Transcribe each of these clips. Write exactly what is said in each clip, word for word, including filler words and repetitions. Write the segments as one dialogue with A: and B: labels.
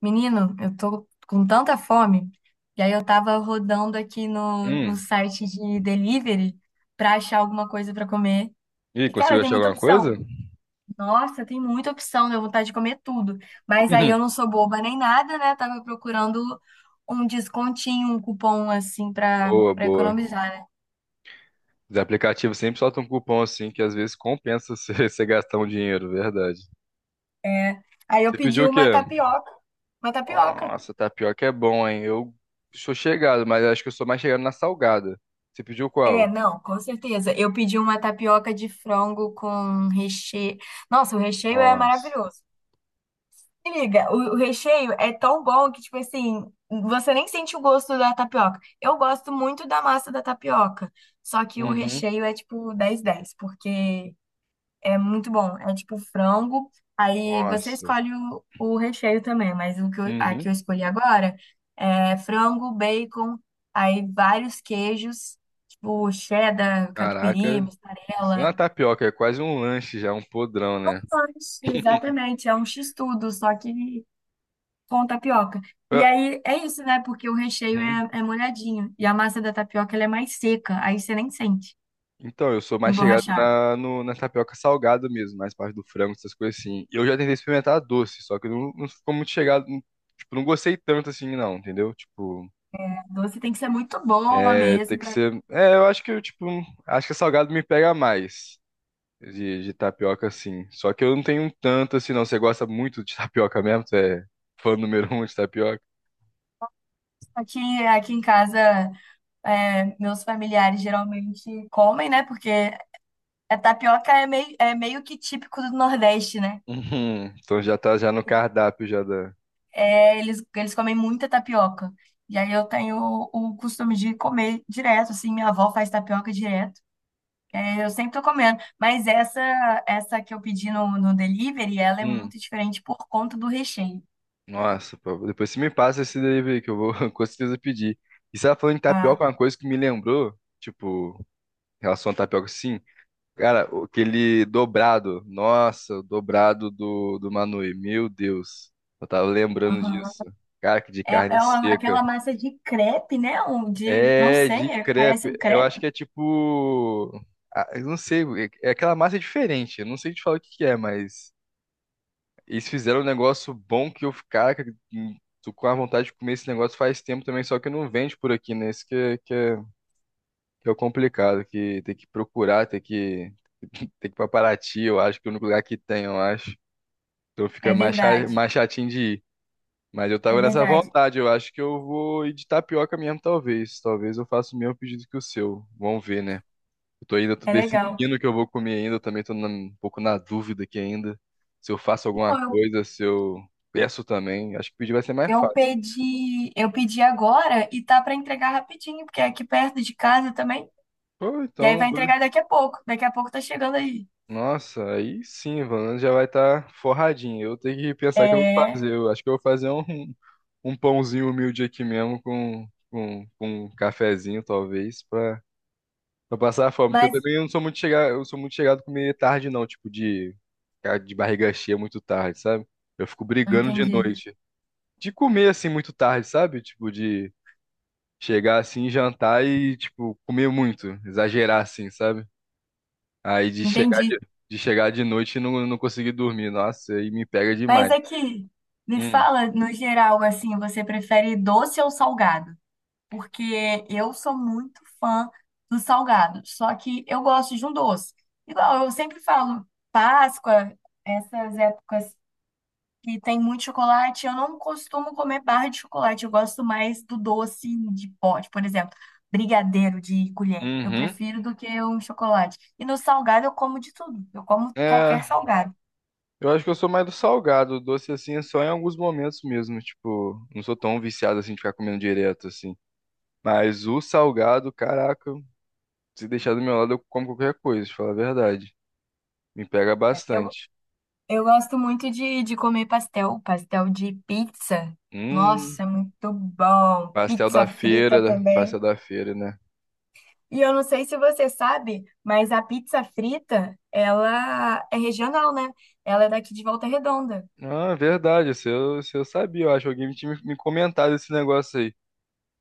A: Menino, eu tô com tanta fome. E aí eu tava rodando aqui no, no
B: Hum.
A: site de delivery pra achar alguma coisa pra comer.
B: E
A: E, cara,
B: conseguiu
A: tem
B: achar
A: muita
B: alguma coisa?
A: opção. Nossa, tem muita opção, deu vontade de comer tudo. Mas aí
B: Uhum.
A: eu não sou boba nem nada, né? Tava procurando um descontinho, um cupom assim pra,
B: Boa,
A: pra
B: boa.
A: economizar, né?
B: Os aplicativos sempre soltam um cupom assim, que às vezes compensa você você gastar um dinheiro, verdade.
A: É. Aí eu
B: Você pediu
A: pedi
B: o
A: uma
B: quê?
A: tapioca. Uma tapioca.
B: Nossa, tapioca é bom, hein? Eu sou chegado, mas acho que eu sou mais chegado na salgada. Você pediu
A: É,
B: qual?
A: não, com certeza. Eu pedi uma tapioca de frango com recheio. Nossa, o recheio é
B: Nossa.
A: maravilhoso. Se liga, o, o recheio é tão bom que, tipo assim, você nem sente o gosto da tapioca. Eu gosto muito da massa da tapioca, só que o
B: Uhum.
A: recheio é tipo dez dez porque é muito bom. É tipo frango, aí você
B: Nossa.
A: escolhe o, o recheio também, mas o que eu, a que
B: Uhum.
A: eu escolhi agora é frango, bacon, aí vários queijos, tipo cheddar, catupiry,
B: Caraca. Isso não é
A: mussarela.
B: uma tapioca, é quase um lanche já, um podrão, né?
A: Nossa, exatamente, é um x-tudo, só que com tapioca. E
B: Ah,
A: aí é isso, né? Porque o recheio
B: uhum.
A: é, é molhadinho e a massa da tapioca ela é mais seca, aí você nem sente
B: Então, eu sou mais chegado
A: emborrachado.
B: na, no- na tapioca salgada mesmo, mais parte do frango, essas coisas assim. Eu já tentei experimentar a doce, só que não, não ficou muito chegado. não- Tipo, não gostei tanto assim, não, entendeu? Tipo,
A: A doce tem que ser muito boa
B: é, tem
A: mesmo
B: que
A: para
B: ser. É, eu acho que eu, tipo, acho que salgado me pega mais de, de tapioca, assim. Só que eu não tenho tanto assim, não. Você gosta muito de tapioca mesmo? Você é fã número um de tapioca?
A: aqui, aqui em casa, é, meus familiares geralmente comem, né? Porque a tapioca é meio, é meio que típico do Nordeste, né?
B: Uhum. Então já tá já no cardápio já da.
A: É, eles, eles comem muita tapioca. E aí eu tenho o costume de comer direto, assim, minha avó faz tapioca direto. Eu sempre tô comendo, mas essa essa que eu pedi no, no delivery, ela é muito diferente por conta do recheio,
B: Nossa, pô, depois você me passa esse delivery que eu vou com certeza pedir. E você tava falando de tapioca,
A: tá?
B: uma coisa que me lembrou, tipo, em relação a tapioca, sim. Cara, o- aquele dobrado, nossa, o dobrado do, do Manui, meu Deus, eu tava lembrando
A: Aham.
B: disso. Cara, que de
A: É,
B: carne
A: é uma-
B: seca.
A: aquela massa de crepe, né? Ou de, não
B: É,
A: sei,
B: de
A: é- parece um
B: crepe, eu acho
A: crepe.
B: que é tipo, ah, eu não sei, é é aquela massa diferente, eu não sei te falar o que que é, mas... Eles fizeram um negócio bom que eu, cara, que- hum, tô com a vontade de comer esse negócio faz tempo também, só que não vende por aqui, né? Isso que, é- que, é, que é o complicado, que tem que procurar, tem que, tem que ir pra Paraty, eu acho que é o único lugar que tem, eu acho. Então fica
A: É
B: mais, cha-
A: verdade,
B: mais chatinho de ir. Mas eu
A: é
B: tava nessa
A: verdade.
B: vontade, eu acho que eu vou ir de tapioca mesmo, talvez. Talvez eu faça o mesmo pedido que o seu. Vamos ver, né? Eu tô ainda Tô
A: É legal.
B: decidindo o que eu vou comer ainda. Eu também tô na- um pouco na dúvida aqui ainda. Se eu faço alguma
A: Não, eu,
B: coisa, se eu peço também. Acho que pedir vai ser mais
A: eu
B: fácil.
A: pedi, eu pedi agora e tá pra entregar rapidinho, porque é aqui perto de casa também.
B: Pô,
A: E aí
B: então,
A: vai
B: doido.
A: entregar daqui a pouco. Daqui a pouco tá chegando aí.
B: Nossa, aí sim, Valando já vai estar forradinho. Eu tenho que pensar o que eu vou
A: É,
B: fazer. Eu acho que eu vou fazer um, um pãozinho humilde aqui mesmo com, com, com um cafezinho, talvez, pra, pra passar a fome. Porque eu
A: mas
B: também não sou muito chegado, eu sou muito chegado a comer tarde, não, tipo, de, ficar de barriga cheia muito tarde, sabe? Eu fico
A: não
B: brigando de
A: entendi.
B: noite. De comer assim muito tarde, sabe? Tipo, de chegar assim, jantar e, tipo, comer muito, exagerar assim, sabe? Aí de chegar
A: Entendi.
B: de, de chegar de noite e não, não conseguir dormir. Nossa, aí me pega
A: Mas
B: demais.
A: é que me
B: Hum.
A: fala, no geral, assim, você prefere doce ou salgado? Porque eu sou muito fã do salgado, só que eu gosto de um doce. Igual eu sempre falo, Páscoa, essas épocas que tem muito chocolate, eu não costumo comer barra de chocolate, eu gosto mais do doce de pote, por exemplo, brigadeiro de colher. Eu
B: Uhum.
A: prefiro do que um chocolate. E no salgado eu como de tudo, eu como
B: É,
A: qualquer salgado.
B: eu acho que eu sou mais do salgado, doce assim, é só em alguns momentos mesmo, tipo, não sou tão viciado assim de ficar comendo direto assim. Mas o salgado, caraca, se deixar do meu lado eu como qualquer coisa, pra falar a verdade. Me pega bastante.
A: Eu gosto muito de, de comer pastel, pastel de pizza.
B: Hum.
A: Nossa, é muito bom.
B: Pastel da
A: Pizza
B: feira,
A: frita
B: né? Pastel
A: também.
B: da feira, né?
A: E eu não sei se você sabe, mas a pizza frita, ela é regional, né? Ela é daqui de Volta Redonda.
B: Ah, verdade, isso eu, isso eu sabia, eu acho. Que alguém tinha me me comentado esse negócio aí.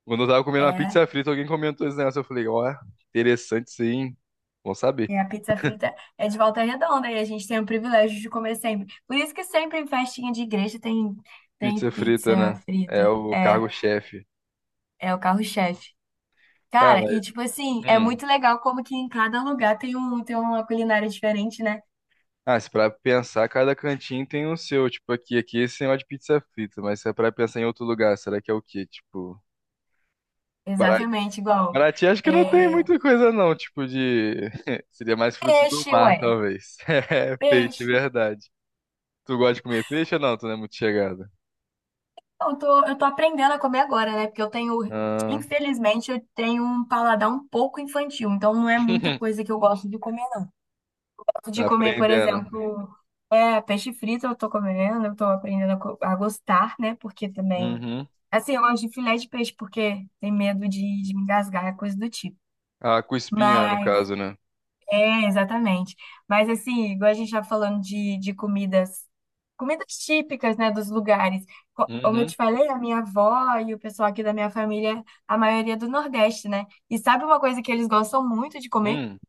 B: Quando eu tava comendo uma
A: É,
B: pizza frita, alguém comentou esse negócio. Eu falei, ó, interessante sim. Bom saber.
A: e a pizza frita é de Volta Redonda e a gente tem o privilégio de comer sempre. Por isso que sempre em festinha de igreja tem, tem
B: Pizza frita,
A: pizza
B: né?
A: frita.
B: É o
A: É,
B: cargo-chefe.
A: é o carro-chefe.
B: Cara,
A: Cara, e tipo assim, é
B: hum.
A: muito legal como que em cada lugar tem um, tem uma culinária diferente, né?
B: Ah, se pra pensar, cada cantinho tem o seu. Tipo, aqui, aqui esse negócio de pizza frita. Mas se é pra pensar em outro lugar, será que é o quê? Tipo,
A: Exatamente, igual
B: Paraty acho que não tem
A: é,
B: muita coisa não, tipo de... Seria mais frutos do
A: peixe,
B: mar,
A: ué,
B: talvez. É, peixe,
A: peixe.
B: verdade. Tu gosta de comer peixe ou não? Tu não é muito chegada.
A: Eu tô, eu tô aprendendo a comer agora, né? Porque eu tenho,
B: Ah,
A: infelizmente, eu tenho um paladar um pouco infantil, então não é muita coisa que eu gosto de comer, não. Gosto de
B: tá
A: comer, por
B: aprendendo.
A: exemplo, é, peixe frito eu tô comendo, eu tô aprendendo a, co- a gostar, né? Porque também,
B: Uhum.
A: assim, eu gosto de filé de peixe porque tem medo de, de me engasgar, é coisa do tipo.
B: Ah, com espinha, né, no
A: Mas
B: caso, né?
A: é, exatamente. Mas assim, igual a gente tá falando de, de comidas, comidas típicas, né, dos lugares. Co- Como eu
B: Uhum.
A: te falei, a minha avó e o pessoal aqui da minha família, a maioria é do Nordeste, né? E sabe uma coisa que eles gostam muito de comer?
B: Hum.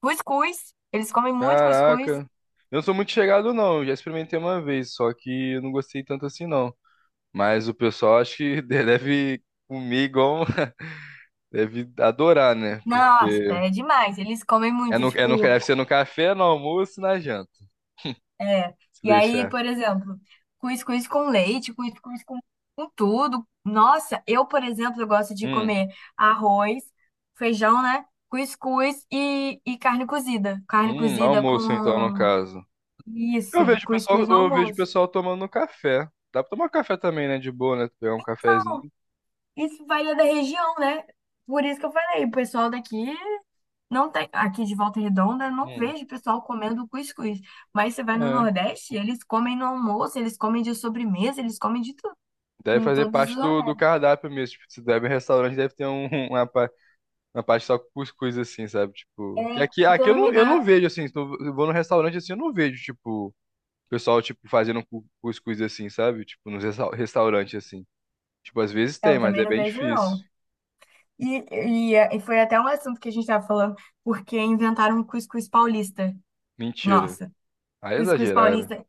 A: Cuscuz. Eles comem muito
B: Caraca.
A: cuscuz.
B: Eu não sou muito chegado não, eu já experimentei uma vez, só que eu não gostei tanto assim não. Mas o pessoal acho que deve comer igual... Deve adorar, né?
A: Nossa,
B: Porque
A: é demais. Eles comem
B: é
A: muito,
B: no, é no,
A: tipo
B: deve ser no café, no almoço e na janta.
A: é.
B: Se
A: E aí,
B: deixar.
A: por exemplo, cuscuz com leite, cuscuz com, com tudo. Nossa, eu, por exemplo, eu gosto de
B: Hum,
A: comer arroz, feijão, né? Cuscuz e, e carne cozida. Carne
B: hum,
A: cozida
B: almoço então, no
A: com
B: caso. Eu
A: isso,
B: vejo o pessoal,
A: cuscuz no
B: eu vejo o
A: almoço.
B: pessoal tomando café. Dá pra tomar café também, né? De boa, né? Pegar um cafezinho.
A: Isso varia da região, né? Por isso que eu falei, o pessoal daqui não tem, aqui de Volta Redonda, eu não
B: Hum,
A: vejo o pessoal comendo cuscuz. Mas você vai no
B: é.
A: Nordeste, eles comem no almoço, eles comem de sobremesa, eles comem de tudo,
B: Deve
A: em
B: fazer
A: todos
B: parte
A: os
B: do, do cardápio mesmo. Tipo, se deve restaurante, deve ter um, uma, pa- uma parte só com cuscuz, assim, sabe?
A: é,
B: Tipo. Que aqui,
A: se eu
B: aqui eu
A: não me
B: não, eu
A: engano,
B: não vejo, assim. Se eu vou no restaurante assim, eu não vejo, tipo, o pessoal, tipo, fazendo cu- cuscuz assim, sabe? Tipo, nos restaurantes, assim. Tipo, às vezes
A: é,
B: tem,
A: eu
B: mas
A: também
B: é
A: não
B: bem
A: vejo, não.
B: difícil.
A: E, e, é, e foi até um assunto que a gente estava falando, porque inventaram um cuscuz paulista.
B: Mentira.
A: Nossa,
B: Aí
A: cuscuz
B: exageraram.
A: paulista.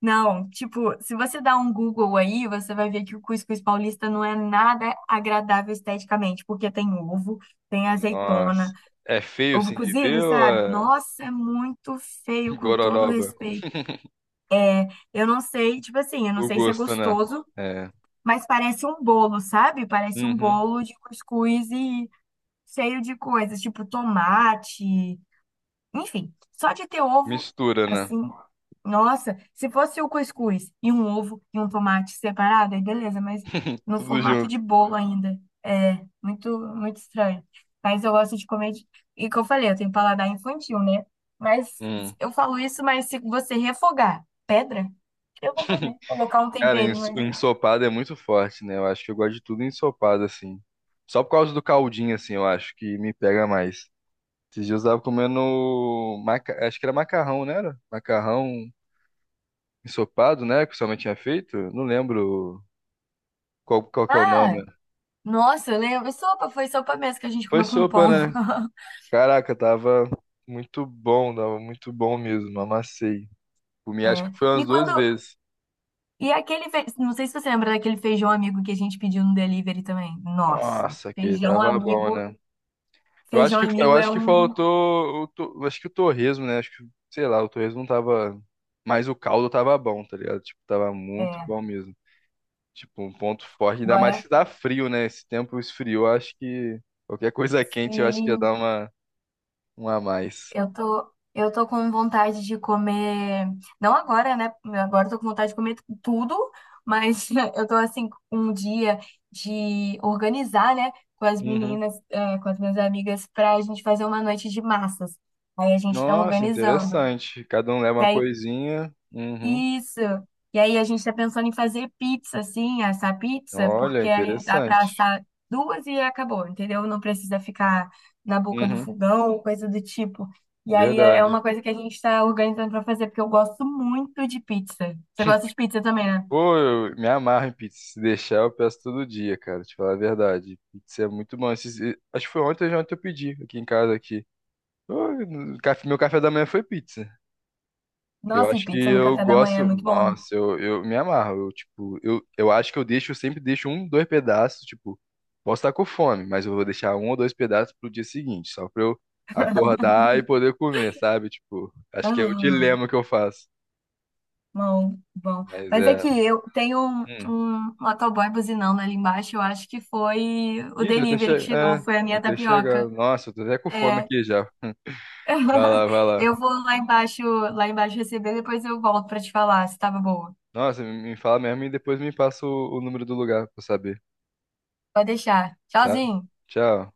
A: Não, tipo, se você dá um Google aí, você vai ver que o cuscuz paulista não é nada agradável esteticamente, porque tem ovo, tem azeitona,
B: Nossa. É feio
A: ovo
B: assim de
A: cozido,
B: ver ou
A: sabe?
B: é
A: Nossa, é muito feio, com todo o
B: gororoba?
A: respeito. Eu não sei, tipo assim, eu não
B: O
A: sei se é
B: gosto, né?
A: gostoso,
B: É.
A: mas parece um bolo, sabe? Parece um
B: Uhum.
A: bolo de cuscuz e cheio de coisas, tipo tomate, enfim, só de ter ovo,
B: Mistura, né?
A: assim, nossa, se fosse o cuscuz e um ovo e um tomate separado, aí beleza, mas no
B: Tudo
A: formato de
B: junto.
A: bolo ainda, é muito, muito estranho. Mas eu gosto de comer, de... e que eu falei, eu tenho paladar infantil, né? Mas
B: Hum.
A: eu falo isso, mas se você refogar pedra, eu vou comer, colocar um
B: Cara,
A: temperinho
B: ens- o
A: ali.
B: ensopado é muito forte, né? Eu acho que eu gosto de tudo ensopado, assim. Só por causa do caldinho, assim, eu acho que me pega mais. Esses dias eu tava comendo. Maca... Acho que era macarrão, né? Era? Macarrão ensopado, né? Que sua mãe tinha feito. Não lembro qual, qual que é o
A: Ah,
B: nome.
A: nossa, eu lembro, sopa, foi sopa mesmo que a gente
B: Foi
A: comeu com
B: sopa,
A: pão.
B: né? Caraca, tava muito bom, tava muito bom mesmo, amassei. Comi acho que foi umas
A: E
B: duas
A: quando
B: vezes.
A: e aquele, fe... não sei se você lembra daquele feijão amigo que a gente pediu no delivery também. Nossa,
B: Nossa, que
A: feijão
B: tava bom,
A: amigo,
B: né? Eu acho
A: feijão
B: que eu
A: amigo é
B: acho que
A: um,
B: faltou o to- acho que o torresmo, né? Acho que, sei lá, o torresmo não tava, mas o caldo tava bom, tá ligado? Tipo, tava muito
A: é,
B: bom mesmo. Tipo, um ponto forte, ainda mais
A: agora
B: que tá frio, né? Esse tempo esfriou, acho que qualquer coisa quente eu acho que ia dar
A: sim,
B: uma um a mais.
A: eu tô eu tô com vontade de comer, não agora, né? Agora eu tô com vontade de comer tudo, mas eu tô assim com um dia de organizar, né, com as
B: Uhum.
A: meninas, é, com as minhas amigas pra gente fazer uma noite de massas. Aí a gente tá
B: Nossa,
A: organizando.
B: interessante. Cada um leva
A: Que
B: uma
A: aí
B: coisinha. Uhum.
A: isso. E aí a gente tá pensando em fazer pizza, assim, assar pizza,
B: Olha,
A: porque aí dá para
B: interessante.
A: assar duas e acabou, entendeu? Não precisa ficar na boca do
B: Uhum,
A: fogão, coisa do tipo. E aí é é
B: verdade.
A: uma coisa que a gente está organizando para fazer, porque eu gosto muito de pizza. Você gosta de pizza também, né?
B: Pô, eu me amarro em pizza. Se deixar, eu peço todo dia, cara. Te falar a verdade. Pizza é muito bom. Esses- e- Acho que foi ontem ou ontem eu pedi aqui em casa aqui. Pô, no café- Meu café da manhã foi pizza. Eu
A: Nossa, e
B: acho que
A: pizza no
B: eu
A: café da manhã é
B: gosto.
A: muito bom, né?
B: Nossa, eu, eu me amarro. Eu, tipo, eu, eu acho que eu deixo, eu sempre deixo um, dois pedaços. Tipo, posso estar com fome, mas eu vou deixar um ou dois pedaços pro dia seguinte, só pra eu acordar e poder comer, sabe? Tipo, acho que é o
A: Ah,
B: dilema que eu faço.
A: bom, bom.
B: Mas
A: Mas é
B: é.
A: que eu tenho um,
B: Hum.
A: um motoboy buzinando ali embaixo, eu acho que foi o
B: Ih, deve ter
A: delivery que
B: chegado.
A: chegou,
B: É,
A: foi a minha
B: deve ter
A: tapioca.
B: chegado. Nossa, eu tô até com fome
A: É,
B: aqui já. Vai lá, vai lá.
A: eu vou lá embaixo, lá embaixo receber, depois eu volto pra te falar se tava boa.
B: Nossa, me me fala mesmo e depois me passa o, o número do lugar pra eu saber,
A: Pode deixar.
B: tá?
A: Tchauzinho.
B: Tchau.